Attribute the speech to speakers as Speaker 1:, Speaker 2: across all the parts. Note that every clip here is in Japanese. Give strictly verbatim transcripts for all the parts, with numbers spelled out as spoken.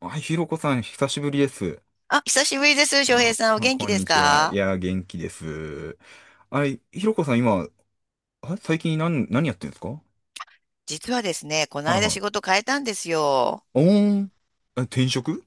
Speaker 1: はい、ひろこさん、久しぶりです。
Speaker 2: あ、久しぶりです、翔平
Speaker 1: あ、
Speaker 2: さん。お
Speaker 1: あ
Speaker 2: 元気
Speaker 1: こん
Speaker 2: です
Speaker 1: にちは。い
Speaker 2: か？
Speaker 1: や、元気です。あれ、ひろこさん、今、あ、最近何、何やってんですか？は
Speaker 2: 実はですね、この
Speaker 1: い
Speaker 2: 間
Speaker 1: は
Speaker 2: 仕
Speaker 1: い。
Speaker 2: 事変えたんですよ。
Speaker 1: おーん。え、転職？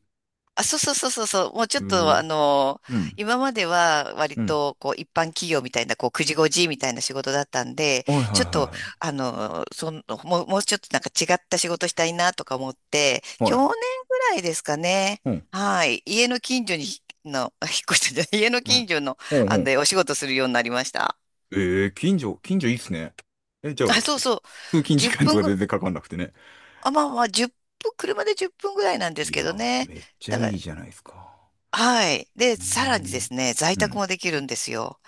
Speaker 2: あ、そうそうそうそうそう。もうちょ
Speaker 1: う
Speaker 2: っと、
Speaker 1: ー、
Speaker 2: あの、
Speaker 1: うん。
Speaker 2: 今までは割
Speaker 1: うん。
Speaker 2: と、こう、一般企業みたいな、こう、くじごじみたいな仕事だったんで、
Speaker 1: はいはい
Speaker 2: ちょっと、
Speaker 1: は
Speaker 2: あの、その、もう、もうちょっとなんか違った仕事したいなとか思って、
Speaker 1: いはい。は
Speaker 2: 去年
Speaker 1: い。
Speaker 2: ぐらいですかね。
Speaker 1: うん。
Speaker 2: はい。家の近所に、の、引っ越したじゃない、家の
Speaker 1: うん。
Speaker 2: 近所の、
Speaker 1: うん。う
Speaker 2: あの、
Speaker 1: ん。
Speaker 2: でお仕事するようになりました。
Speaker 1: えー、近所、近所いいっすね。え、じゃあ、
Speaker 2: あ、そうそう。
Speaker 1: 通勤時
Speaker 2: 10
Speaker 1: 間と
Speaker 2: 分
Speaker 1: か
Speaker 2: ぐ
Speaker 1: 全然かかんなくてね。
Speaker 2: あ、まあまあ、いっぷん、車でじゅっぷんぐらいなんです
Speaker 1: いや、
Speaker 2: けどね。
Speaker 1: めっちゃ
Speaker 2: だか
Speaker 1: いい
Speaker 2: ら、
Speaker 1: じゃないですか。
Speaker 2: はい。で、
Speaker 1: へ
Speaker 2: さらにで
Speaker 1: ー、
Speaker 2: すね、在
Speaker 1: う
Speaker 2: 宅
Speaker 1: ん。
Speaker 2: もできるんですよ。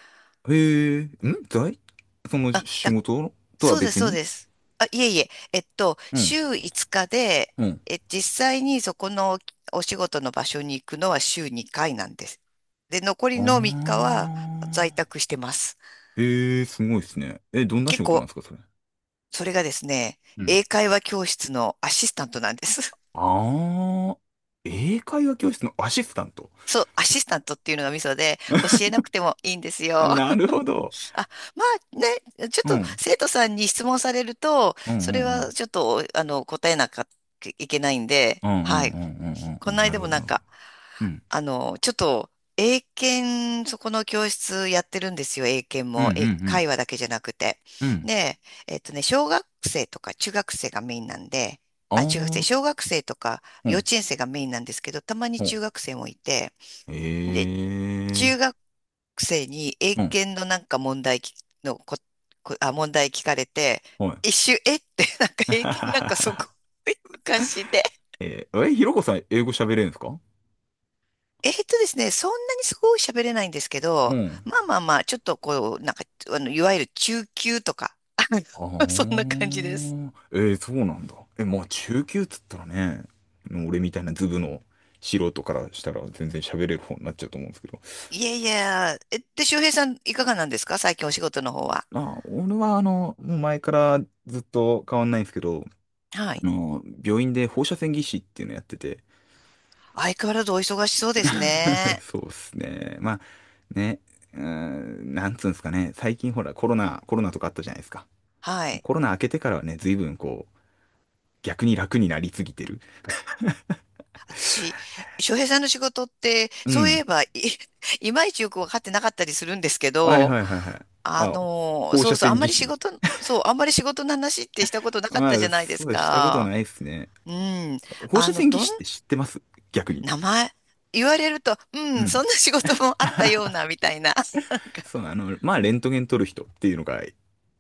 Speaker 1: へえー、ん在その仕
Speaker 2: だ、
Speaker 1: 事とは
Speaker 2: そうです、
Speaker 1: 別
Speaker 2: そう
Speaker 1: に？
Speaker 2: です。あ、いえいえ、えっと、
Speaker 1: うん。
Speaker 2: 週いつかつで、
Speaker 1: うん。
Speaker 2: え、実際にそこのお仕事の場所に行くのは週にかいなんです。で、残
Speaker 1: あ
Speaker 2: りのみっかは在
Speaker 1: あ。
Speaker 2: 宅してます。
Speaker 1: ええ、すごいですね。え、どんな
Speaker 2: 結
Speaker 1: 仕事なん
Speaker 2: 構、
Speaker 1: ですか、それ。
Speaker 2: それがですね、
Speaker 1: うん。
Speaker 2: 英会話教室のアシスタントなんです。
Speaker 1: ああ。英会話教室のアシスタント。
Speaker 2: そう、アシスタントっていうのがミソで、教 えなくてもいいんですよ。
Speaker 1: なるほど。
Speaker 2: あ、まあね、ちょっ
Speaker 1: う
Speaker 2: と
Speaker 1: ん。
Speaker 2: 生徒さんに質問されると、
Speaker 1: うんう
Speaker 2: それ
Speaker 1: んう
Speaker 2: は
Speaker 1: ん。
Speaker 2: ちょっと、あの、答えなきゃいけないんで、
Speaker 1: うんう
Speaker 2: は
Speaker 1: ん
Speaker 2: い。
Speaker 1: うんうんう
Speaker 2: こ
Speaker 1: んう
Speaker 2: の
Speaker 1: ん。な
Speaker 2: 間
Speaker 1: るほ
Speaker 2: も
Speaker 1: ど、
Speaker 2: な
Speaker 1: な
Speaker 2: ん
Speaker 1: るほど。
Speaker 2: か、
Speaker 1: うん。
Speaker 2: あの、ちょっと、英検、そこの教室やってるんですよ、英検
Speaker 1: うんう
Speaker 2: も。英
Speaker 1: ん
Speaker 2: 会話だけじゃなくて。
Speaker 1: うん。うん。
Speaker 2: で、えっとね、小学生とか中学生がメインなんで、
Speaker 1: あ
Speaker 2: あ、中学生、小
Speaker 1: あ。
Speaker 2: 学生とか
Speaker 1: う
Speaker 2: 幼
Speaker 1: ん。
Speaker 2: 稚園生がメインなんですけど、たまに
Speaker 1: ほう。
Speaker 2: 中学生もいて、
Speaker 1: え
Speaker 2: で、
Speaker 1: え。
Speaker 2: 中学くせに、英
Speaker 1: うん。
Speaker 2: 検のなんか問題きのこ、こ、あ、問題聞かれて、
Speaker 1: はい。
Speaker 2: 一瞬、えって、なんか英検なんかすご い昔で。
Speaker 1: えー、え、ひろこさん、英語喋れるんですか？
Speaker 2: えーとですね、そんなにすごい喋れないんですけ
Speaker 1: う
Speaker 2: ど、
Speaker 1: ん。
Speaker 2: まあまあまあ、ちょっとこう、なんか、あの、いわゆる中級とか、あの
Speaker 1: あ
Speaker 2: そんな感じです。
Speaker 1: ーえー、そうなんだ。え、まあ中級っつったらね、俺みたいなズブの素人からしたら全然喋れる方になっちゃうと思うんですけど。
Speaker 2: いやいや、え、で、周平さん、いかがなんですか、最近お仕事の方は。
Speaker 1: まあ、俺はあの、もう前からずっと変わんないんですけど、
Speaker 2: は
Speaker 1: あ
Speaker 2: い。
Speaker 1: の、病院で放射線技師っていうのやってて。
Speaker 2: 相変わらずお忙しそうです ね。
Speaker 1: そうっすね。まあ、ね、うーん、なんつうんですかね、最近ほらコロナ、コロナとかあったじゃないですか。
Speaker 2: はい。
Speaker 1: コロナ明けてからはね、随分こう、逆に楽になりすぎてる。
Speaker 2: 私、翔平さんの仕事って、
Speaker 1: う
Speaker 2: そうい
Speaker 1: ん。
Speaker 2: えばい、いまいちよく分かってなかったりするんですけ
Speaker 1: はい
Speaker 2: ど、
Speaker 1: はいはいはい。
Speaker 2: あ
Speaker 1: あ、
Speaker 2: の、
Speaker 1: 放
Speaker 2: そ
Speaker 1: 射
Speaker 2: うそう、あ
Speaker 1: 線
Speaker 2: んま
Speaker 1: 技
Speaker 2: り仕
Speaker 1: 師。
Speaker 2: 事、そう、あんまり仕事の話ってしたことなかっ
Speaker 1: ま
Speaker 2: たじ
Speaker 1: あ、
Speaker 2: ゃないで
Speaker 1: そ
Speaker 2: す
Speaker 1: うしたこと
Speaker 2: か。
Speaker 1: ないですね。
Speaker 2: うん。
Speaker 1: 放
Speaker 2: あ
Speaker 1: 射
Speaker 2: の、
Speaker 1: 線技
Speaker 2: どん、
Speaker 1: 師って知ってます？逆に。
Speaker 2: 名前、言われると、う
Speaker 1: う
Speaker 2: ん、
Speaker 1: ん。
Speaker 2: そんな仕事もあったような、みたいな。
Speaker 1: そう、あの、まあ、レントゲン撮る人っていうのが、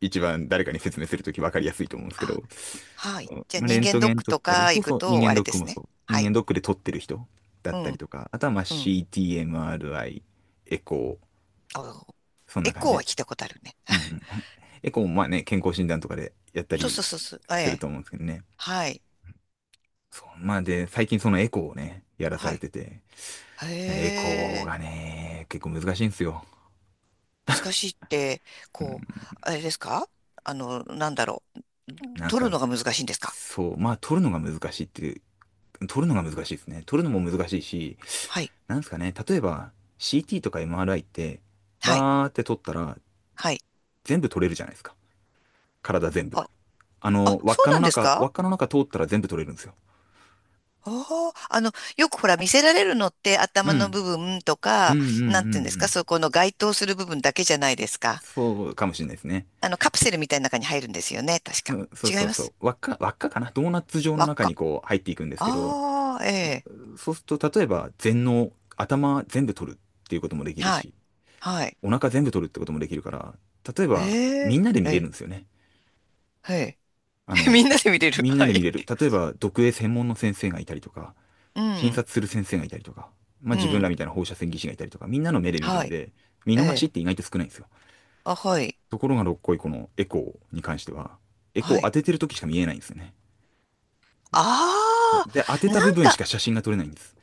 Speaker 1: 一番誰かに説明するとき分かりやすいと思うんですけ
Speaker 2: あ、
Speaker 1: ど、
Speaker 2: はい。
Speaker 1: そう
Speaker 2: じゃあ
Speaker 1: まあレ
Speaker 2: 人
Speaker 1: ント
Speaker 2: 間ドッ
Speaker 1: ゲン
Speaker 2: ク
Speaker 1: 撮っ
Speaker 2: と
Speaker 1: たり、
Speaker 2: か
Speaker 1: そ
Speaker 2: 行
Speaker 1: う
Speaker 2: く
Speaker 1: そう、人
Speaker 2: と、
Speaker 1: 間
Speaker 2: あ
Speaker 1: ド
Speaker 2: れ
Speaker 1: ッ
Speaker 2: で
Speaker 1: ク
Speaker 2: す
Speaker 1: も
Speaker 2: ね。
Speaker 1: そう。
Speaker 2: は
Speaker 1: 人
Speaker 2: い。
Speaker 1: 間ドックで撮ってる人だっ
Speaker 2: う
Speaker 1: たり
Speaker 2: ん、
Speaker 1: とか、あとはまあ
Speaker 2: うん。
Speaker 1: シーティー、エムアールアイ、エコー、
Speaker 2: あ、
Speaker 1: そん
Speaker 2: エ
Speaker 1: な感
Speaker 2: コー
Speaker 1: じ。
Speaker 2: は聞いたことあるね。
Speaker 1: うんうんうん。エコーもまあね、健康診断とかでやった
Speaker 2: そうそ
Speaker 1: り
Speaker 2: うそうそう。え
Speaker 1: する
Speaker 2: え。
Speaker 1: と思うんですけどね。
Speaker 2: はい。
Speaker 1: そう、まあで、最近そのエコーをね、やらさ
Speaker 2: は
Speaker 1: れ
Speaker 2: い。
Speaker 1: てて、エコー
Speaker 2: へ、
Speaker 1: がね、結構難しいんですよ。
Speaker 2: 難しいって、
Speaker 1: うん、
Speaker 2: こう、あれですか？あの、なんだろう、
Speaker 1: なん
Speaker 2: 取る
Speaker 1: か、
Speaker 2: のが難しいんですか？
Speaker 1: そう、まあ撮るのが難しいっていう、撮るのが難しいですね。撮るのも難しいし、
Speaker 2: はい。
Speaker 1: なんですかね、例えば シーティー とか エムアールアイ って、
Speaker 2: はい。
Speaker 1: バーって撮ったら
Speaker 2: はい。
Speaker 1: 全部撮れるじゃないですか。体全部。
Speaker 2: あ、
Speaker 1: あ
Speaker 2: あ、
Speaker 1: の、輪っ
Speaker 2: そう
Speaker 1: か
Speaker 2: な
Speaker 1: の
Speaker 2: んです
Speaker 1: 中、輪
Speaker 2: か？
Speaker 1: っかの中通ったら全部撮れるんですよ。
Speaker 2: あ、あの、よくほら見せられるのって
Speaker 1: う
Speaker 2: 頭の
Speaker 1: ん。
Speaker 2: 部分と
Speaker 1: うんうん
Speaker 2: か、
Speaker 1: うんう
Speaker 2: なんていうんですか、
Speaker 1: ん。
Speaker 2: そこの該当する部分だけじゃないですか。
Speaker 1: そうかもしれないですね。
Speaker 2: あの、カプセルみたいな中に入るんですよね、確
Speaker 1: う
Speaker 2: か。
Speaker 1: ん、そう
Speaker 2: 違
Speaker 1: そ
Speaker 2: い
Speaker 1: う
Speaker 2: ま
Speaker 1: そう。
Speaker 2: す。
Speaker 1: 輪っか、輪っかかなドーナツ状の
Speaker 2: 輪っ
Speaker 1: 中
Speaker 2: か。
Speaker 1: にこう入っていくんですけど、
Speaker 2: ああ、ええ。
Speaker 1: そうすると、例えば全脳、頭全部取るっていうこともできる
Speaker 2: はい。
Speaker 1: し、
Speaker 2: はい。
Speaker 1: お腹全部取るってこともできるから、例えば
Speaker 2: え
Speaker 1: み
Speaker 2: え。
Speaker 1: んなで見
Speaker 2: え
Speaker 1: れる
Speaker 2: え。
Speaker 1: んですよね。
Speaker 2: え
Speaker 1: あ
Speaker 2: え。
Speaker 1: の、
Speaker 2: みんなで見れる。
Speaker 1: みんな
Speaker 2: は
Speaker 1: で見
Speaker 2: い。
Speaker 1: れる。例えば読影専門の先生がいたりとか、
Speaker 2: う
Speaker 1: 診
Speaker 2: ん。
Speaker 1: 察する先生がいたりとか、ま
Speaker 2: う
Speaker 1: あ自分ら
Speaker 2: ん。
Speaker 1: みたいな放射線技師がいたりとか、みんなの目で見る
Speaker 2: は
Speaker 1: ん
Speaker 2: い。
Speaker 1: で、見
Speaker 2: え
Speaker 1: 逃しっ
Speaker 2: え。
Speaker 1: て意外と少ないんですよ。
Speaker 2: あ、はい。
Speaker 1: ところがどっこいこのエコーに関しては、エコー
Speaker 2: は
Speaker 1: を
Speaker 2: い。
Speaker 1: 当ててる時しか見えないんですよね。
Speaker 2: あ
Speaker 1: で、当て
Speaker 2: あ、な
Speaker 1: た部
Speaker 2: ん
Speaker 1: 分し
Speaker 2: か、
Speaker 1: か写真が撮れないんです。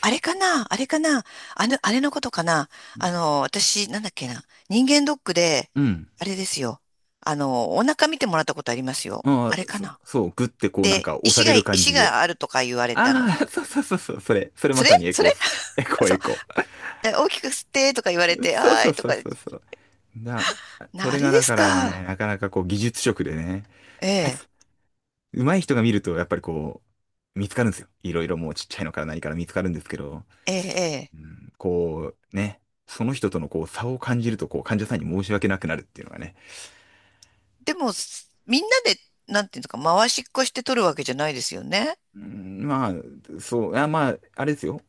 Speaker 2: あれかな、あれかな、あの、あれのことかな。あの、私、なんだっけな、人間ドックで、
Speaker 1: うん。
Speaker 2: あれですよ。あの、お腹見てもらったことありますよ。
Speaker 1: あ
Speaker 2: あれ
Speaker 1: あ、
Speaker 2: か
Speaker 1: そ、
Speaker 2: な。
Speaker 1: そう、グッてこうなん
Speaker 2: で、
Speaker 1: か押
Speaker 2: 石
Speaker 1: され
Speaker 2: が、
Speaker 1: る感
Speaker 2: 石
Speaker 1: じで。
Speaker 2: があるとか言われたの。
Speaker 1: ああ、そうそうそうそう、それ、それま
Speaker 2: それ
Speaker 1: さにエ
Speaker 2: そ
Speaker 1: コ
Speaker 2: れ
Speaker 1: ーっすね。エコ ー
Speaker 2: そ
Speaker 1: エ
Speaker 2: う。
Speaker 1: コ
Speaker 2: で、大きく吸ってとか言われ
Speaker 1: ー。
Speaker 2: て、
Speaker 1: そう
Speaker 2: は
Speaker 1: そ
Speaker 2: ーい
Speaker 1: う
Speaker 2: と
Speaker 1: そ
Speaker 2: か、
Speaker 1: うそうそう。な、そ
Speaker 2: な、あ
Speaker 1: れ
Speaker 2: れ
Speaker 1: が
Speaker 2: で
Speaker 1: だ
Speaker 2: す
Speaker 1: からね、
Speaker 2: か。
Speaker 1: なかなかこう技術職でね、
Speaker 2: ええ、
Speaker 1: 上手い人が見るとやっぱりこう、見つかるんですよ。いろいろもうちっちゃいのから何から見つかるんですけど、
Speaker 2: ええ、ええ。
Speaker 1: うん、こうね、その人とのこう差を感じるとこう患者さんに申し訳なくなるっていうのがね。
Speaker 2: でも、すみんなで、なんていうのか、回しっこして取るわけじゃないですよね。
Speaker 1: うん、まあ、そう、あ、まあ、あれですよ。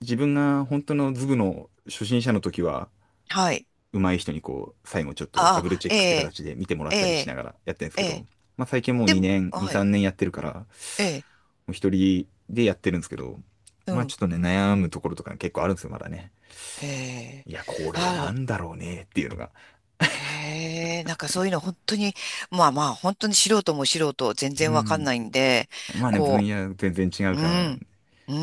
Speaker 1: 自分が本当のズブの初心者の時は、
Speaker 2: はい。
Speaker 1: 上手い人にこう、最後ちょっとダ
Speaker 2: あ
Speaker 1: ブル
Speaker 2: あ、
Speaker 1: チェッ
Speaker 2: え
Speaker 1: クって
Speaker 2: え、
Speaker 1: 形で見てもら
Speaker 2: え
Speaker 1: ったりし
Speaker 2: え、
Speaker 1: ながらやってるんです
Speaker 2: え
Speaker 1: け
Speaker 2: え、
Speaker 1: ど、まあ最近もう
Speaker 2: でも、
Speaker 1: にねん、に、
Speaker 2: はい、
Speaker 1: さんねんやってるから、も
Speaker 2: ええ、
Speaker 1: う一人でやってるんですけど、
Speaker 2: う
Speaker 1: まあち
Speaker 2: ん、
Speaker 1: ょっとね、悩むところとか結構あるんですよ、まだね。
Speaker 2: へえ、
Speaker 1: いや、これな
Speaker 2: あ、
Speaker 1: んだろうねっていうのが。
Speaker 2: へえ、なんかそういうの本当に、まあまあ、本当に素人も素人、全
Speaker 1: う
Speaker 2: 然わかん
Speaker 1: ん。
Speaker 2: ないんで、
Speaker 1: まあね、分
Speaker 2: こ
Speaker 1: 野全然違う
Speaker 2: う、う
Speaker 1: から。
Speaker 2: ん、う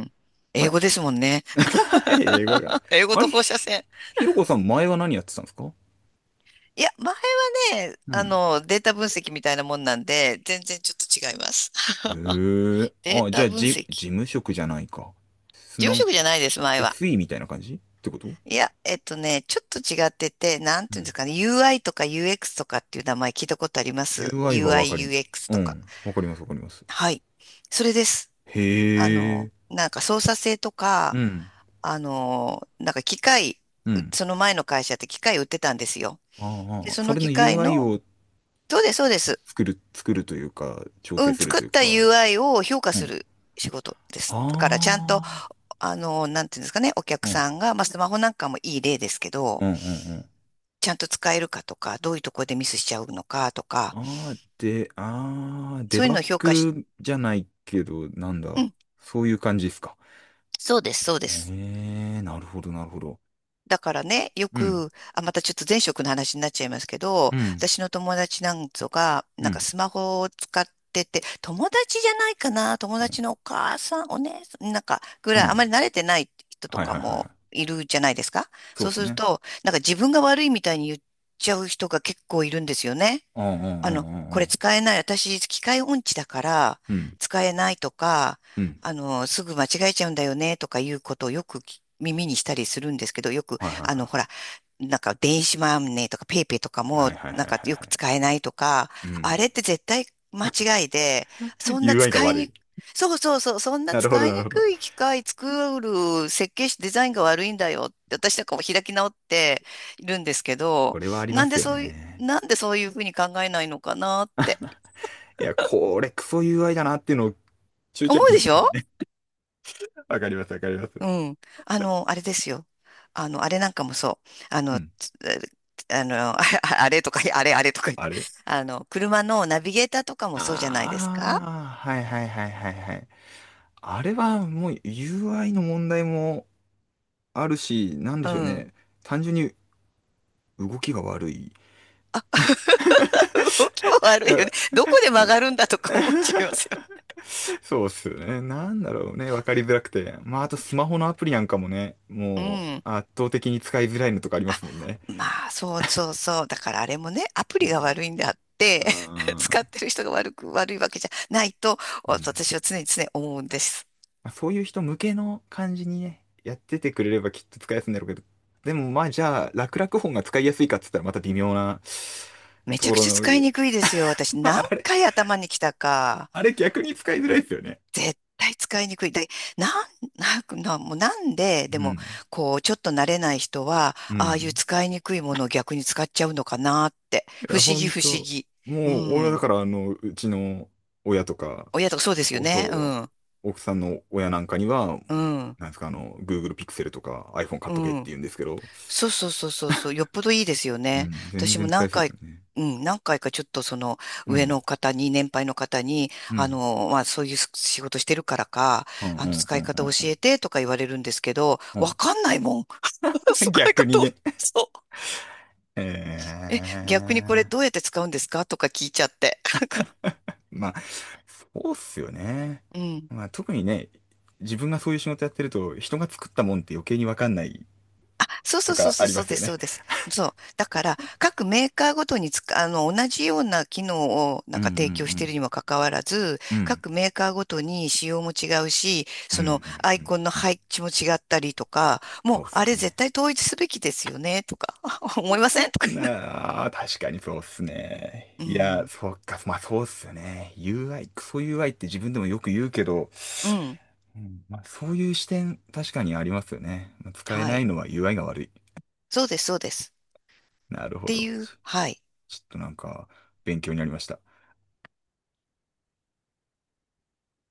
Speaker 2: ん、
Speaker 1: あ
Speaker 2: 英
Speaker 1: れ
Speaker 2: 語ですもんね。
Speaker 1: はい、これかな。
Speaker 2: 英語
Speaker 1: あ
Speaker 2: と
Speaker 1: れ
Speaker 2: 放射
Speaker 1: ひ、
Speaker 2: 線。
Speaker 1: ひろこさん前は何やってたんですか？
Speaker 2: いや、前はね、
Speaker 1: う
Speaker 2: あ
Speaker 1: ん。
Speaker 2: の、データ分析みたいなもんなんで、全然ちょっと違います。
Speaker 1: えー
Speaker 2: デー
Speaker 1: あ、じゃ
Speaker 2: タ
Speaker 1: あ、
Speaker 2: 分
Speaker 1: じ、
Speaker 2: 析。
Speaker 1: 事
Speaker 2: 事
Speaker 1: 務職じゃないか。す、な
Speaker 2: 務
Speaker 1: ん
Speaker 2: 職じゃ
Speaker 1: か、
Speaker 2: ないです、前は。
Speaker 1: エスイー みたいな感じってこと？
Speaker 2: いや、えっとね、ちょっと違ってて、なん
Speaker 1: う
Speaker 2: ていうんで
Speaker 1: ん
Speaker 2: すかね、ユーアイ とか UX とかっていう名前聞いたことあります？
Speaker 1: UI は
Speaker 2: UI、
Speaker 1: わかり、
Speaker 2: ユーエックス
Speaker 1: う
Speaker 2: とか。
Speaker 1: ん。わかります、わかります。
Speaker 2: はい。それです。
Speaker 1: へ
Speaker 2: あの、
Speaker 1: え。
Speaker 2: なんか操作性と
Speaker 1: う
Speaker 2: か、
Speaker 1: ん。
Speaker 2: あの、なんか機械、
Speaker 1: うん。
Speaker 2: その前の会社って機械売ってたんですよ。で、
Speaker 1: ああ、
Speaker 2: そ
Speaker 1: そ
Speaker 2: の
Speaker 1: れの
Speaker 2: 機械
Speaker 1: ユーアイ
Speaker 2: の、
Speaker 1: を
Speaker 2: そうです、そうです。
Speaker 1: 作る、作るというか、調
Speaker 2: う
Speaker 1: 整
Speaker 2: ん、
Speaker 1: する
Speaker 2: 作っ
Speaker 1: という
Speaker 2: た
Speaker 1: か、
Speaker 2: ユーアイ を評価
Speaker 1: う
Speaker 2: す
Speaker 1: ん。
Speaker 2: る仕事です。だからちゃんと、
Speaker 1: あ
Speaker 2: あの、なんていうんですかね、お客
Speaker 1: あ、うん。
Speaker 2: さんが、まあ、スマホなんかもいい例ですけど、
Speaker 1: うん、うん、
Speaker 2: ちゃんと使えるかとか、どういうところでミスしちゃうのかと
Speaker 1: う
Speaker 2: か、
Speaker 1: ん。ああ、で、ああ、デ
Speaker 2: そういう
Speaker 1: バ
Speaker 2: の
Speaker 1: ッ
Speaker 2: を評価し、
Speaker 1: グじゃないけど、なん
Speaker 2: う
Speaker 1: だ。
Speaker 2: ん、
Speaker 1: そういう感じですか？
Speaker 2: そうです、そうです。
Speaker 1: ええ、なるほど、なるほど。
Speaker 2: だからね、よ
Speaker 1: うん、
Speaker 2: く、あ、またちょっと前職の話になっちゃいますけ
Speaker 1: う
Speaker 2: ど、
Speaker 1: ん、
Speaker 2: 私の友達なんぞが、
Speaker 1: う
Speaker 2: なんか
Speaker 1: ん、
Speaker 2: スマホを使ってて、友達じゃないかな、友
Speaker 1: うん、
Speaker 2: 達のお母さん、お姉さん、なんか、ぐ
Speaker 1: う
Speaker 2: らい、あ
Speaker 1: ん。
Speaker 2: まり慣れてない人と
Speaker 1: はい
Speaker 2: か
Speaker 1: はいはいは
Speaker 2: も
Speaker 1: い。
Speaker 2: いるじゃないですか。
Speaker 1: そう
Speaker 2: そう
Speaker 1: で
Speaker 2: す
Speaker 1: す
Speaker 2: る
Speaker 1: ね。
Speaker 2: と、なんか自分が悪いみたいに言っちゃう人が結構いるんですよね。
Speaker 1: うん、うん、
Speaker 2: あ
Speaker 1: う
Speaker 2: の、
Speaker 1: ん、うん、
Speaker 2: こ
Speaker 1: う
Speaker 2: れ
Speaker 1: ん。
Speaker 2: 使えない、私、機械音痴だから、
Speaker 1: うん、
Speaker 2: 使えないとか、
Speaker 1: うん。
Speaker 2: あの、すぐ間違えちゃうんだよね、とかいうことをよくき耳にしたりするんですけど、よく、
Speaker 1: はいはい
Speaker 2: あの、
Speaker 1: は
Speaker 2: ほら、
Speaker 1: い。
Speaker 2: なんか電子マネーとかペイペイとか
Speaker 1: は
Speaker 2: も、
Speaker 1: いはい
Speaker 2: なん
Speaker 1: はい
Speaker 2: か
Speaker 1: は
Speaker 2: よ
Speaker 1: いは
Speaker 2: く
Speaker 1: い
Speaker 2: 使えないとか、
Speaker 1: う
Speaker 2: あ
Speaker 1: ん。
Speaker 2: れって絶対間違いで、そんな
Speaker 1: ユーアイ が
Speaker 2: 使い
Speaker 1: 悪
Speaker 2: に、
Speaker 1: い。
Speaker 2: そうそうそう、そんな
Speaker 1: なるほど
Speaker 2: 使い
Speaker 1: なる
Speaker 2: に
Speaker 1: ほど。
Speaker 2: くい機械作る設計士デザインが悪いんだよって、私なんかも開き直っているんですけ
Speaker 1: こ
Speaker 2: ど、
Speaker 1: れはありま
Speaker 2: なん
Speaker 1: す
Speaker 2: で
Speaker 1: よ
Speaker 2: そう
Speaker 1: ね。
Speaker 2: なんでそういうふうに考えないのかなって
Speaker 1: いや、これクソ ユーアイ だなっていうのを中ち
Speaker 2: 思
Speaker 1: ゃに
Speaker 2: うでしょ？
Speaker 1: わかりますわかります。
Speaker 2: うん。あの、あれですよ。あの、あれなんかもそう。あ
Speaker 1: う
Speaker 2: の、
Speaker 1: ん。
Speaker 2: つあの、ああれとか、あれあれとか言っ
Speaker 1: あ
Speaker 2: て。
Speaker 1: れ
Speaker 2: あの、車のナビゲーターとかもそうじゃないですか？
Speaker 1: ああー、はいはいはいはいはい。あれはもう ユーアイ の問題もあるし、なんで
Speaker 2: う
Speaker 1: しょう
Speaker 2: ん。
Speaker 1: ね。単純に動きが悪い。
Speaker 2: 動きも
Speaker 1: う
Speaker 2: 悪いよね。
Speaker 1: ん
Speaker 2: どこで曲がるんだとか思っちゃいますよ。
Speaker 1: そうっすよね。なんだろうね。わかりづらくて。まあ、あとスマホのアプリなんかもね、
Speaker 2: う
Speaker 1: も
Speaker 2: ん。
Speaker 1: う圧倒的に使いづらいのとかありますもんね。
Speaker 2: まあ、そうそうそう。だからあれもね、アプリが悪いんであって、
Speaker 1: あ ー
Speaker 2: 使ってる人が悪く、悪いわけじゃないと、
Speaker 1: うん。
Speaker 2: 私は常に常に思うんです。
Speaker 1: まあ、そういう人向けの感じにね、やっててくれればきっと使いやすいんだろうけど、でもまあじゃあ、楽々本が使いやすいかっつったらまた微妙な
Speaker 2: め
Speaker 1: と
Speaker 2: ちゃ
Speaker 1: こ
Speaker 2: く
Speaker 1: ろ
Speaker 2: ちゃ
Speaker 1: の、
Speaker 2: 使い にくいですよ。私、何
Speaker 1: あれ、
Speaker 2: 回頭に来たか。
Speaker 1: あれ逆に使いづらいですよね。
Speaker 2: 絶対使いにくい。で、なん、なんななもうなんで、
Speaker 1: う
Speaker 2: でも、
Speaker 1: ん。
Speaker 2: こう、ちょっと慣れない人は、
Speaker 1: う
Speaker 2: ああいう
Speaker 1: ん。
Speaker 2: 使いにくいものを逆に使っちゃうのかなって。
Speaker 1: い
Speaker 2: 不
Speaker 1: や、
Speaker 2: 思
Speaker 1: ほ
Speaker 2: 議、
Speaker 1: ん
Speaker 2: 不思
Speaker 1: と、
Speaker 2: 議。う
Speaker 1: もう俺はだ
Speaker 2: ん。
Speaker 1: からあの、うちの親とか、
Speaker 2: 親とかそうですよ
Speaker 1: お
Speaker 2: ね。う
Speaker 1: そう、
Speaker 2: ん。
Speaker 1: 奥さんの親なんかには、
Speaker 2: うん。
Speaker 1: なんですか、あの、Google Pixel とか iPhone 買
Speaker 2: う
Speaker 1: っとけって
Speaker 2: ん。
Speaker 1: 言うんですけど、
Speaker 2: そうそうそうそうそう、よっぽどいいですよ
Speaker 1: う
Speaker 2: ね。
Speaker 1: ん、全
Speaker 2: 私も
Speaker 1: 然使い
Speaker 2: 何
Speaker 1: やすいですか
Speaker 2: 回、
Speaker 1: らね。
Speaker 2: うん、何回かちょっとその
Speaker 1: う
Speaker 2: 上
Speaker 1: ん。
Speaker 2: の方に、年配の方に、
Speaker 1: う
Speaker 2: あ
Speaker 1: ん。
Speaker 2: の、まあそういう仕事してるからか、
Speaker 1: うん
Speaker 2: あ
Speaker 1: う
Speaker 2: の、
Speaker 1: ん
Speaker 2: 使
Speaker 1: う
Speaker 2: い
Speaker 1: んう
Speaker 2: 方教
Speaker 1: んうん
Speaker 2: えてとか言われるんですけど、
Speaker 1: う
Speaker 2: わ
Speaker 1: ん。
Speaker 2: かんないもん。使い
Speaker 1: 逆に
Speaker 2: 方を、
Speaker 1: ね。
Speaker 2: そう。
Speaker 1: ええ
Speaker 2: 逆にこれどうやって使うんですかとか聞いちゃって。
Speaker 1: まあ、そうっすよね。
Speaker 2: うん。
Speaker 1: まあ、特にね、自分がそういう仕事やってると、人が作ったもんって余計にわかんない
Speaker 2: あ、そう
Speaker 1: と
Speaker 2: そうそう
Speaker 1: か
Speaker 2: そ
Speaker 1: あ
Speaker 2: う、
Speaker 1: り
Speaker 2: そ
Speaker 1: ま
Speaker 2: う
Speaker 1: す
Speaker 2: で
Speaker 1: よ
Speaker 2: す、そ
Speaker 1: ね。
Speaker 2: うです。そう。だから、各メーカーごとにつく、あの、同じような機能をな
Speaker 1: う
Speaker 2: ん
Speaker 1: んう
Speaker 2: か
Speaker 1: んう
Speaker 2: 提供してい
Speaker 1: ん。
Speaker 2: るにもかかわらず、
Speaker 1: うん
Speaker 2: 各メーカーごとに仕様も違うし、
Speaker 1: うんう
Speaker 2: その
Speaker 1: ん
Speaker 2: アイ
Speaker 1: うん
Speaker 2: コンの
Speaker 1: うん
Speaker 2: 配置も違ったりとか、も
Speaker 1: そ
Speaker 2: う、
Speaker 1: うっす
Speaker 2: あれ絶
Speaker 1: ね。
Speaker 2: 対統一すべきですよね、とか、思いませんとか
Speaker 1: なあ、確かにそうっすね。
Speaker 2: 言
Speaker 1: い
Speaker 2: う
Speaker 1: や、
Speaker 2: の。
Speaker 1: そっか、まあそうっすよね。ユーアイ、クソ ユーアイ って自分でもよく言うけど、
Speaker 2: うん、うん、
Speaker 1: うんまあ、そういう視点、確かにありますよね。まあ使え
Speaker 2: は
Speaker 1: な
Speaker 2: い。
Speaker 1: いのは ユーアイ が悪い。
Speaker 2: そうです、そうです。
Speaker 1: なる
Speaker 2: っ
Speaker 1: ほ
Speaker 2: て
Speaker 1: ど。
Speaker 2: いう、
Speaker 1: ち
Speaker 2: はい。
Speaker 1: ちょっとなんか、勉強になりました。